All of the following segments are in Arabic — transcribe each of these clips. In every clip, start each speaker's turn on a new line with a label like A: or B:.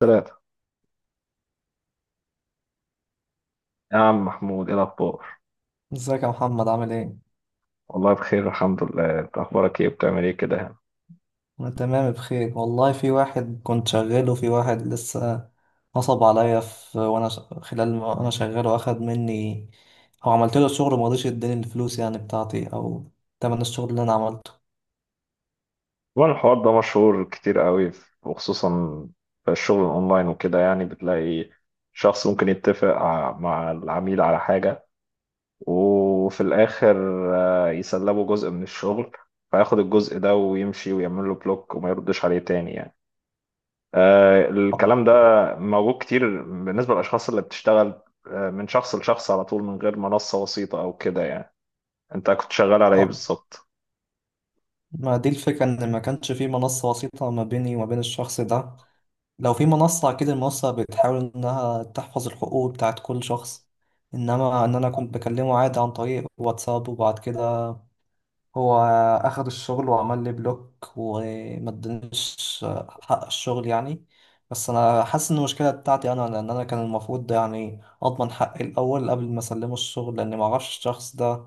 A: ثلاثة. يا عم محمود، ايه الأخبار؟
B: ازيك يا محمد عامل ايه؟
A: والله بخير الحمد لله، انت أخبارك ايه وبتعمل ايه كده يعني؟
B: انا تمام بخير والله. في واحد كنت شغال وفي واحد لسه نصب عليا. خلال ما انا شغال واخد مني او عملت له الشغل ومرضيش يديني الفلوس يعني بتاعتي او تمن الشغل اللي انا عملته.
A: طبعا الحوار ده مشهور كتير قوي، وخصوصا في الشغل الأونلاين وكده يعني، بتلاقي شخص ممكن يتفق مع العميل على حاجة، وفي الآخر يسلبه جزء من الشغل، فياخد الجزء ده ويمشي ويعمل له بلوك وما يردش عليه تاني يعني.
B: اه
A: الكلام ده موجود كتير بالنسبة للأشخاص اللي بتشتغل من شخص لشخص على طول، من غير منصة وسيطة أو كده يعني. انت كنت شغال على ايه
B: اه.
A: بالظبط؟
B: ما دي الفكرة ان ما كانش في منصة وسيطة ما بيني وما بين الشخص ده. لو في منصة اكيد المنصة بتحاول انها تحفظ الحقوق بتاعت كل شخص، انما ان انا كنت بكلمه عادي عن طريق واتساب، وبعد كده هو أخد الشغل وعمل لي بلوك وما ادانيش حق الشغل يعني. بس أنا حاسس إن المشكلة بتاعتي أنا، لأن أنا كان المفروض ده يعني أضمن حقي الأول قبل ما أسلمه الشغل، لأني معرفش الشخص ده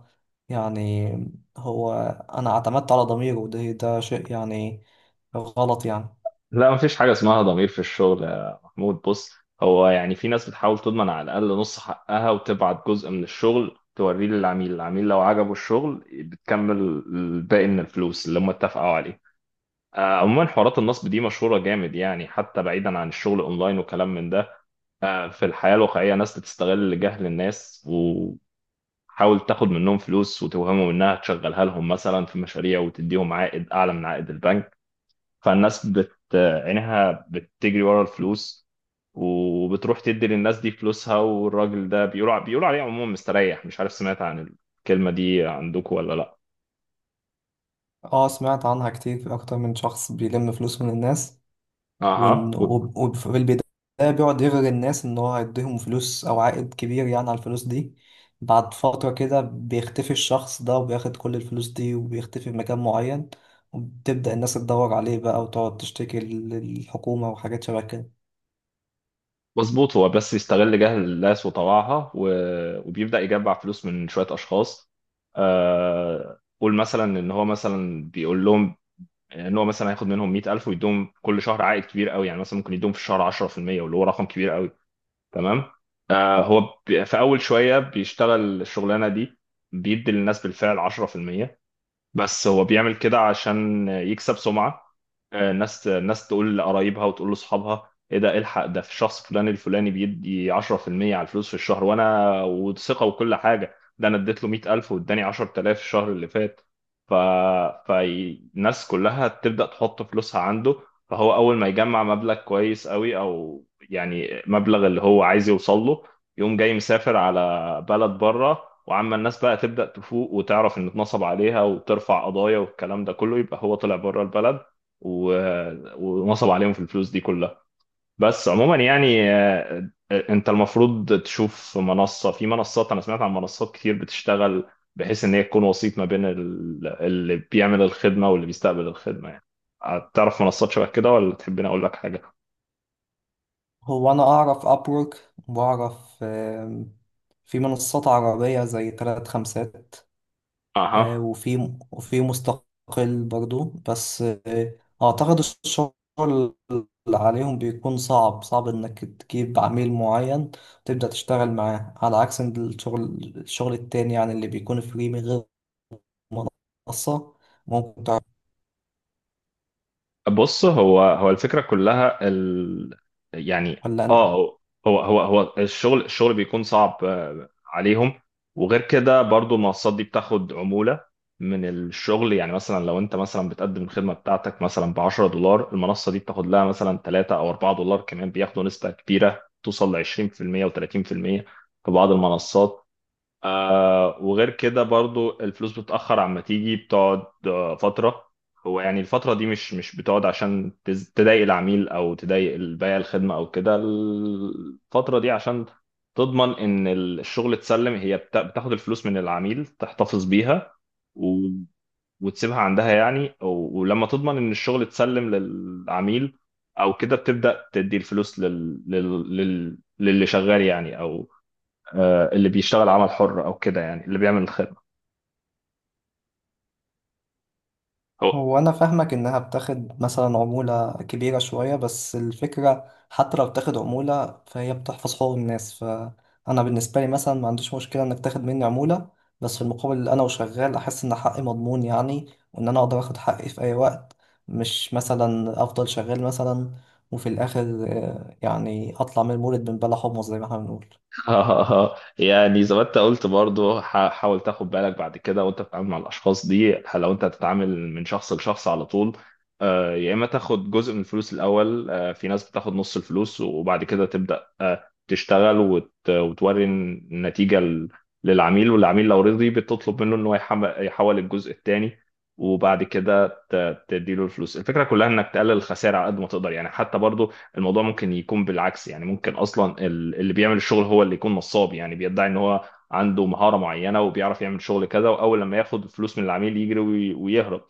B: يعني. هو أنا اعتمدت على ضميري، وده ده شيء يعني غلط يعني.
A: لا، مفيش حاجة اسمها ضمير في الشغل يا محمود. بص، هو يعني في ناس بتحاول تضمن على الأقل نص حقها، وتبعت جزء من الشغل توريه للعميل، العميل لو عجبه الشغل بتكمل الباقي من الفلوس اللي هم اتفقوا عليه. عموما حوارات النصب دي مشهورة جامد يعني، حتى بعيدا عن الشغل أونلاين وكلام من ده. في الحياة الواقعية ناس بتستغل جهل الناس، وحاول تاخد منهم فلوس وتوهمهم إنها تشغلها لهم مثلا في مشاريع، وتديهم عائد أعلى من عائد البنك. فالناس بت عينها بتجري ورا الفلوس، وبتروح تدي للناس دي فلوسها، والراجل ده بيقولوا عليه عموما مستريح. مش عارف سمعت عن الكلمة دي عندكم ولا لا؟
B: اه، سمعت عنها كتير. أكتر من شخص بيلم فلوس من الناس،
A: اها.
B: وفي البداية بيقعد يغري الناس إن هو هيديهم فلوس أو عائد كبير يعني على الفلوس دي. بعد فترة كده بيختفي الشخص ده وبياخد كل الفلوس دي وبيختفي في مكان معين، وبتبدأ الناس تدور عليه بقى وتقعد تشتكي للحكومة وحاجات شبه كده.
A: مظبوط، هو بس يستغل جهل الناس وطوعها وبيبدأ يجمع فلوس من شوية أشخاص. قول مثلا إن هو مثلا بيقول لهم إن هو مثلا هياخد منهم 100,000 ويديهم كل شهر عائد كبير قوي، يعني مثلا ممكن يديهم في الشهر 10%، واللي هو رقم كبير قوي، تمام؟ هو في اول شويه بيشتغل الشغلانه دي، بيدي للناس بالفعل 10%، بس هو بيعمل كده عشان يكسب سمعة. الناس تقول لقرايبها وتقول لاصحابها: ايه ده؟ الحق ده في شخص فلان الفلاني بيدي 10% على الفلوس في الشهر، وانا وثقة وكل حاجة، ده انا اديت له 100,000 واداني 10,000 الشهر اللي فات. ف... فالناس كلها تبدأ تحط فلوسها عنده. فهو اول ما يجمع مبلغ كويس قوي او يعني مبلغ اللي هو عايز يوصل له، يقوم جاي مسافر على بلد بره. وعما الناس بقى تبدأ تفوق وتعرف ان اتنصب عليها وترفع قضايا والكلام ده كله، يبقى هو طلع بره البلد و... ونصب عليهم في الفلوس دي كلها. بس عموما يعني، انت المفروض تشوف منصة. في منصات، انا سمعت عن منصات كتير بتشتغل بحيث ان هي تكون وسيط ما بين اللي بيعمل الخدمة واللي بيستقبل الخدمة يعني. تعرف منصات شبه كده، ولا تحبني اقول لك حاجة؟
B: هو أنا أعرف أبورك وأعرف في منصات عربية زي تلات خمسات.
A: اها.
B: وفي مستقل برضو، بس أعتقد الشغل اللي عليهم بيكون صعب إنك تجيب عميل معين وتبدأ تشتغل معاه، على عكس إن الشغل التاني يعني اللي بيكون فري من غير منصة ممكن تعرف.
A: بص، هو الفكرة كلها ال... يعني
B: ولا أنت؟
A: اه هو الشغل بيكون صعب عليهم. وغير كده برضو المنصات دي بتاخد عمولة من الشغل، يعني مثلا لو انت مثلا بتقدم الخدمة بتاعتك مثلا ب 10 دولار، المنصة دي بتاخد لها مثلا 3 او 4 دولار، كمان بياخدوا نسبة كبيرة توصل ل 20% و30% في بعض المنصات. وغير كده برضو الفلوس بتأخر عما تيجي، بتقعد فترة. هو يعني الفترة دي مش بتقعد عشان تضايق العميل أو تضايق البائع الخدمة أو كده، الفترة دي عشان تضمن إن الشغل اتسلم. هي بتاخد الفلوس من العميل تحتفظ بيها و... وتسيبها عندها يعني، ولما تضمن ان الشغل اتسلم للعميل او كده، بتبدأ تدي الفلوس للي شغال يعني، او اللي بيشتغل عمل حر او كده، يعني اللي بيعمل الخدمه. هو
B: هو أنا فاهمك إنها بتاخد مثلا عمولة كبيرة شوية، بس الفكرة حتى لو بتاخد عمولة فهي بتحفظ حقوق الناس. فأنا بالنسبة لي مثلا ما عنديش مشكلة إنك تاخد مني عمولة، بس في المقابل أنا وشغال أحس إن حقي مضمون يعني، وإن أنا أقدر آخد حقي في أي وقت، مش مثلا أفضل شغال مثلا وفي الآخر يعني أطلع من المولد من بلا حمص زي ما إحنا بنقول.
A: يعني زي ما انت قلت برضو، حاول تاخد بالك بعد كده وانت بتتعامل مع الاشخاص دي. لو انت هتتعامل من شخص لشخص على طول، يا اما تاخد جزء من الفلوس الاول. في ناس بتاخد نص الفلوس وبعد كده تبدا تشتغل، وتوري النتيجه للعميل، والعميل لو رضي بتطلب منه ان هو يحول الجزء الثاني، وبعد كده تديله الفلوس. الفكره كلها انك تقلل الخسائر على قد ما تقدر يعني. حتى برضو الموضوع ممكن يكون بالعكس، يعني ممكن اصلا اللي بيعمل الشغل هو اللي يكون نصاب، يعني بيدعي ان هو عنده مهارة معينة وبيعرف يعمل شغل كذا، واول لما ياخد الفلوس من العميل يجري ويهرب.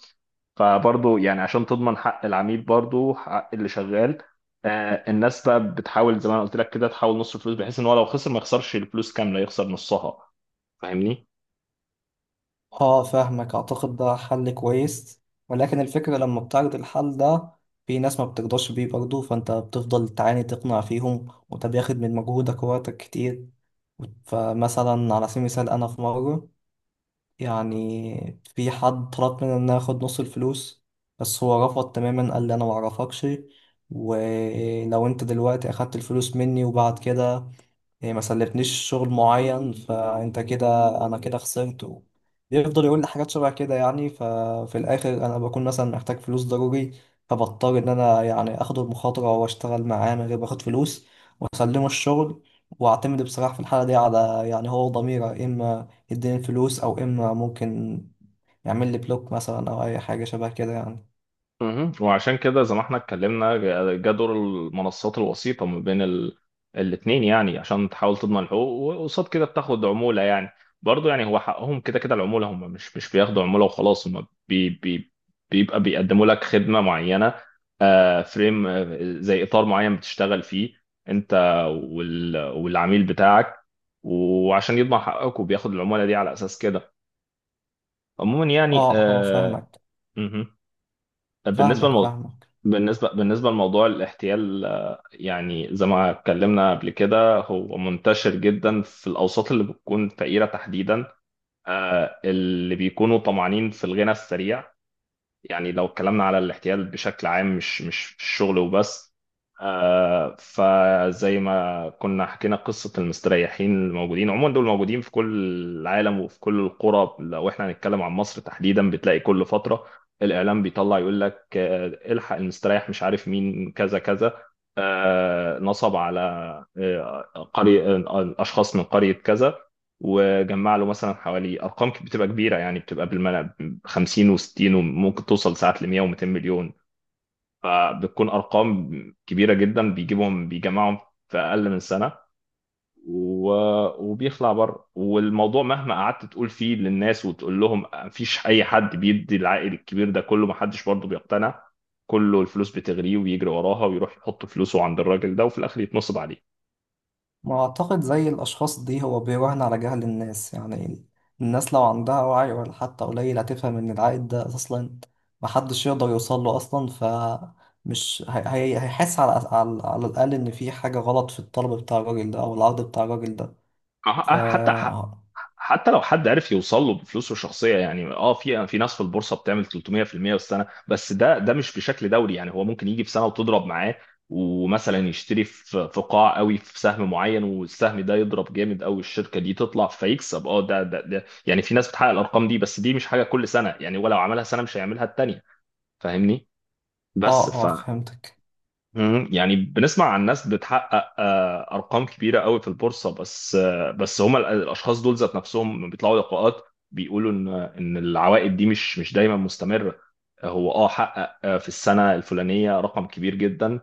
A: فبرضه يعني عشان تضمن حق العميل برضه حق اللي شغال، الناس بقى بتحاول زي ما انا قلت لك كده، تحاول نص الفلوس بحيث ان هو لو خسر ما يخسرش الفلوس كاملة، يخسر نصها. فاهمني؟
B: اه فاهمك، اعتقد ده حل كويس، ولكن الفكرة لما بتعرض الحل ده في ناس ما بترضاش بيه برضه، فانت بتفضل تعاني تقنع فيهم وده بياخد من مجهودك ووقتك كتير. فمثلا على سبيل المثال انا في مرة يعني في حد طلب مني ان أنا اخد نص الفلوس، بس هو رفض تماما. قال لي انا معرفكش، ولو انت دلوقتي اخدت الفلوس مني وبعد كده هي ما سلفتنيش شغل معين فانت كده، انا كده خسرت بيفضل يقول لي حاجات شبه كده يعني. ففي الاخر انا بكون مثلا محتاج فلوس ضروري، فبضطر ان انا يعني اخد المخاطره واشتغل معاه من غير ما اخد فلوس واسلمه الشغل، واعتمد بصراحه في الحاله دي على يعني هو ضميره. اما يديني الفلوس او اما ممكن يعمل لي بلوك مثلا او اي حاجه شبه كده يعني.
A: مهم. وعشان كده زي ما احنا اتكلمنا، جا دور المنصات الوسيطة ما بين الاتنين يعني، عشان تحاول تضمن الحقوق، وقصاد كده بتاخد عمولة يعني. برضه يعني هو حقهم، كده كده العمولة، هم مش بياخدوا عمولة وخلاص، هم بيبقى بيقدموا لك خدمة معينة. فريم، زي إطار معين بتشتغل فيه أنت والعميل بتاعك، وعشان يضمن حقك وبياخد العمولة دي على أساس كده. عموما يعني
B: اه اه فاهمك.
A: مهم. طب بالنسبة
B: فاهمك
A: لموضوع،
B: فاهمك
A: بالنسبة لموضوع الاحتيال، يعني زي ما اتكلمنا قبل كده، هو منتشر جدا في الأوساط اللي بتكون فقيرة تحديدا، اللي بيكونوا طمعانين في الغنى السريع. يعني لو اتكلمنا على الاحتيال بشكل عام، مش في الشغل وبس، فزي ما كنا حكينا قصة المستريحين الموجودين، عموما دول موجودين في كل العالم وفي كل القرى. لو احنا هنتكلم عن مصر تحديدا، بتلاقي كل فترة الإعلام بيطلع يقول لك الحق المستريح مش عارف مين، كذا كذا، نصب على آه، قرية، أشخاص من قرية كذا، وجمع له مثلا حوالي أرقام بتبقى كبيرة يعني، بتبقى بالملا 50 و60 وممكن توصل ساعات ل 100 و200 مليون. فبتكون أرقام كبيرة جدا، بيجيبهم بيجمعهم في أقل من سنة وبيخلع بره. والموضوع مهما قعدت تقول فيه للناس وتقول لهم مفيش اي حد بيدي العائد الكبير ده كله، محدش برضه بيقتنع، كله الفلوس بتغريه ويجري وراها ويروح يحط فلوسه عند الراجل ده، وفي الاخر يتنصب عليه.
B: ما أعتقد زي الأشخاص دي هو بيراهن على جهل الناس يعني. الناس لو عندها وعي ولا حتى قليل هتفهم إن العائد ده أصلا محدش يقدر يوصل له أصلا، هيحس على الأقل إن في حاجة غلط في الطلب بتاع الراجل ده أو العرض بتاع الراجل ده.
A: أه- أه-
B: ف
A: حتى
B: آه
A: حتى لو حد عرف يوصل له بفلوسه الشخصيه يعني، اه في ناس في البورصه بتعمل 300% في المية في السنه، بس ده مش بشكل دوري يعني. هو ممكن يجي في سنه وتضرب معاه، ومثلا يشتري في قاع قوي في سهم معين، والسهم ده يضرب جامد قوي، الشركه دي تطلع فيكسب. اه ده ده ده يعني في ناس بتحقق الارقام دي، بس دي مش حاجه كل سنه يعني، ولو عملها سنه مش هيعملها التانيه. فاهمني؟
B: آه
A: بس ف
B: آه، فهمتك.
A: مم. يعني بنسمع عن ناس بتحقق ارقام كبيره قوي في البورصه، بس بس هم الاشخاص دول ذات نفسهم لما بيطلعوا لقاءات بيقولوا ان العوائد دي مش دايما مستمره. هو اه حقق في السنه الفلانيه رقم كبير جدا،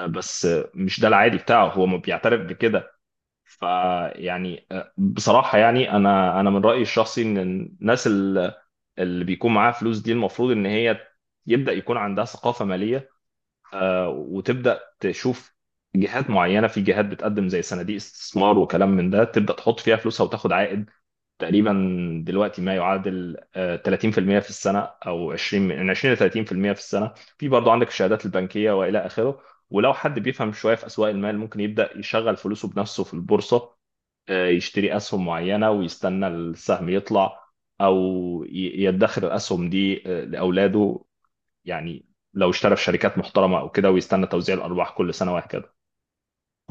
A: بس مش ده العادي بتاعه، هو ما بيعترف بكده. فيعني بصراحه يعني، انا من رايي الشخصي، ان الناس اللي بيكون معاها فلوس دي، المفروض ان هي يبدا يكون عندها ثقافه ماليه، وتبدا تشوف جهات معينه. في جهات بتقدم زي صناديق استثمار وكلام من ده، تبدا تحط فيها فلوسها وتاخد عائد تقريبا دلوقتي ما يعادل 30% في المية في السنه، او 20، من 20 ل 30% في المية في السنه. في برضه عندك الشهادات البنكيه والى اخره. ولو حد بيفهم شويه في اسواق المال، ممكن يبدا يشغل فلوسه بنفسه في البورصه، يشتري اسهم معينه ويستنى السهم يطلع، او يدخر الاسهم دي لاولاده، يعني لو اشترى في شركات محترمة أو كده، ويستنى توزيع الأرباح كل سنة وهكذا.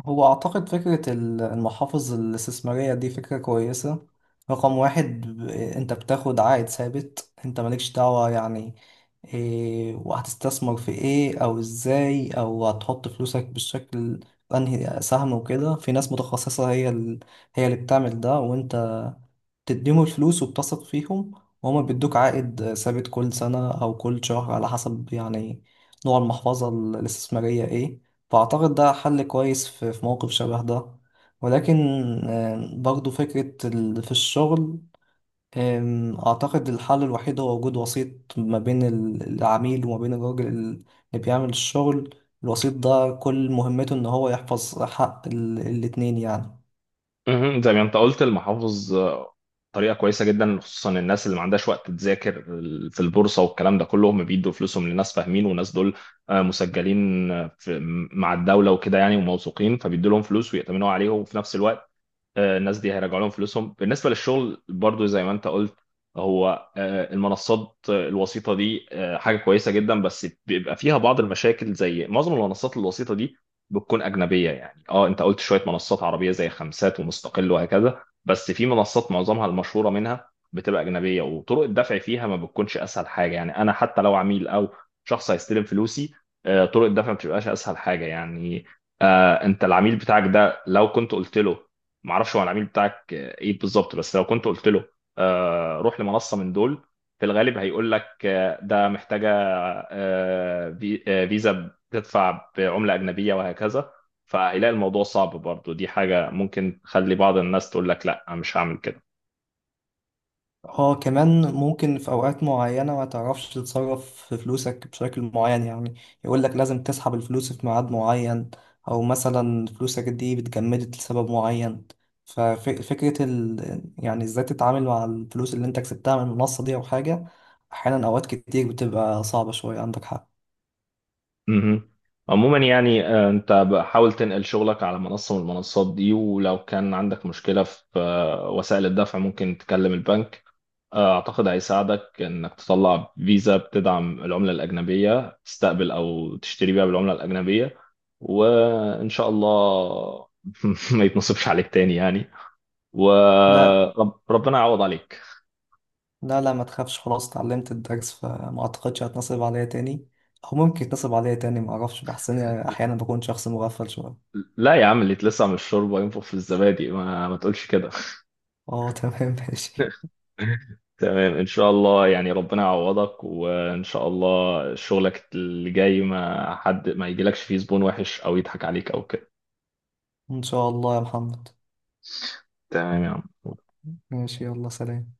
B: هو أعتقد فكرة المحافظ الاستثمارية دي فكرة كويسة. رقم واحد، أنت بتاخد عائد ثابت، أنت مالكش دعوة يعني إيه وهتستثمر في إيه أو إزاي أو هتحط فلوسك بالشكل أنهي سهم وكده. في ناس متخصصة هي اللي بتعمل ده، وأنت تديهم الفلوس وبتثق فيهم، وهما بيدوك عائد ثابت كل سنة أو كل شهر على حسب يعني نوع المحفظة الاستثمارية إيه. فأعتقد ده حل كويس في في موقف شبه ده. ولكن برضو فكرة في الشغل، أعتقد الحل الوحيد هو وجود وسيط ما بين العميل وما بين الراجل اللي بيعمل الشغل. الوسيط ده كل مهمته إن هو يحفظ حق الاتنين يعني.
A: مهم. زي ما أنت قلت، المحافظ طريقة كويسة جدا، خصوصا الناس اللي ما عندهاش وقت تذاكر في البورصة والكلام ده كله، هم بيدوا فلوسهم لناس فاهمين، والناس دول مسجلين في مع الدولة وكده يعني، وموثوقين، فبيدوا لهم فلوس ويأتمنوا عليهم، وفي نفس الوقت الناس دي هيرجعوا لهم فلوسهم. بالنسبه للشغل برضو زي ما انت قلت، هو المنصات الوسيطه دي حاجه كويسه جدا، بس بيبقى فيها بعض المشاكل. زي معظم المنصات الوسيطه دي بتكون اجنبيه يعني. اه انت قلت شويه منصات عربيه زي خمسات ومستقل وهكذا، بس في منصات معظمها المشهوره منها بتبقى اجنبيه، وطرق الدفع فيها ما بتكونش اسهل حاجه يعني. انا حتى لو عميل او شخص هيستلم فلوسي، طرق الدفع ما بتبقاش اسهل حاجه يعني. انت العميل بتاعك ده، لو كنت قلت له، ما اعرفش هو العميل بتاعك ايه بالظبط، بس لو كنت قلت له روح لمنصه من دول، في الغالب هيقول لك ده محتاجه فيزا، بتدفع بعمله اجنبيه وهكذا، فهيلاقي الموضوع صعب. برضو دي حاجه ممكن تخلي بعض الناس تقول لك لا أنا مش هعمل كده.
B: اه، كمان ممكن في اوقات معينة ما تعرفش تتصرف في فلوسك بشكل معين يعني. يقولك لازم تسحب الفلوس في ميعاد معين، او مثلا فلوسك دي بتجمدت لسبب معين. ففكرة يعني ازاي تتعامل مع الفلوس اللي انت كسبتها من المنصة دي او حاجة، احيانا اوقات كتير بتبقى صعبة شوية. عندك حق.
A: مهم. عموما يعني انت حاول تنقل شغلك على منصه من المنصات دي، ولو كان عندك مشكله في وسائل الدفع، ممكن تكلم البنك. أعتقد هيساعدك إنك تطلع فيزا بتدعم العملة الأجنبية، تستقبل أو تشتري بيها بالعملة الأجنبية، وإن شاء الله ما يتنصبش عليك تاني يعني،
B: لا.
A: وربنا يعوض عليك.
B: لا، ما تخافش، خلاص اتعلمت الدرس، فما اعتقدش هتنصب عليا تاني. او ممكن يتنصب عليا تاني ما اعرفش، بحس اني احيانا بكون شخص مغفل شوية.
A: لا يا عم، اللي يتلسع من الشوربة ينفخ في الزبادي، ما تقولش كده.
B: اه تمام ماشي.
A: تمام إن شاء الله. يعني ربنا يعوضك، وإن شاء الله شغلك اللي جاي ما حد ما يجيلكش فيه زبون وحش أو يضحك عليك أو كده.
B: إن شاء الله يا محمد.
A: تمام يا
B: ماشي، يلا سلام.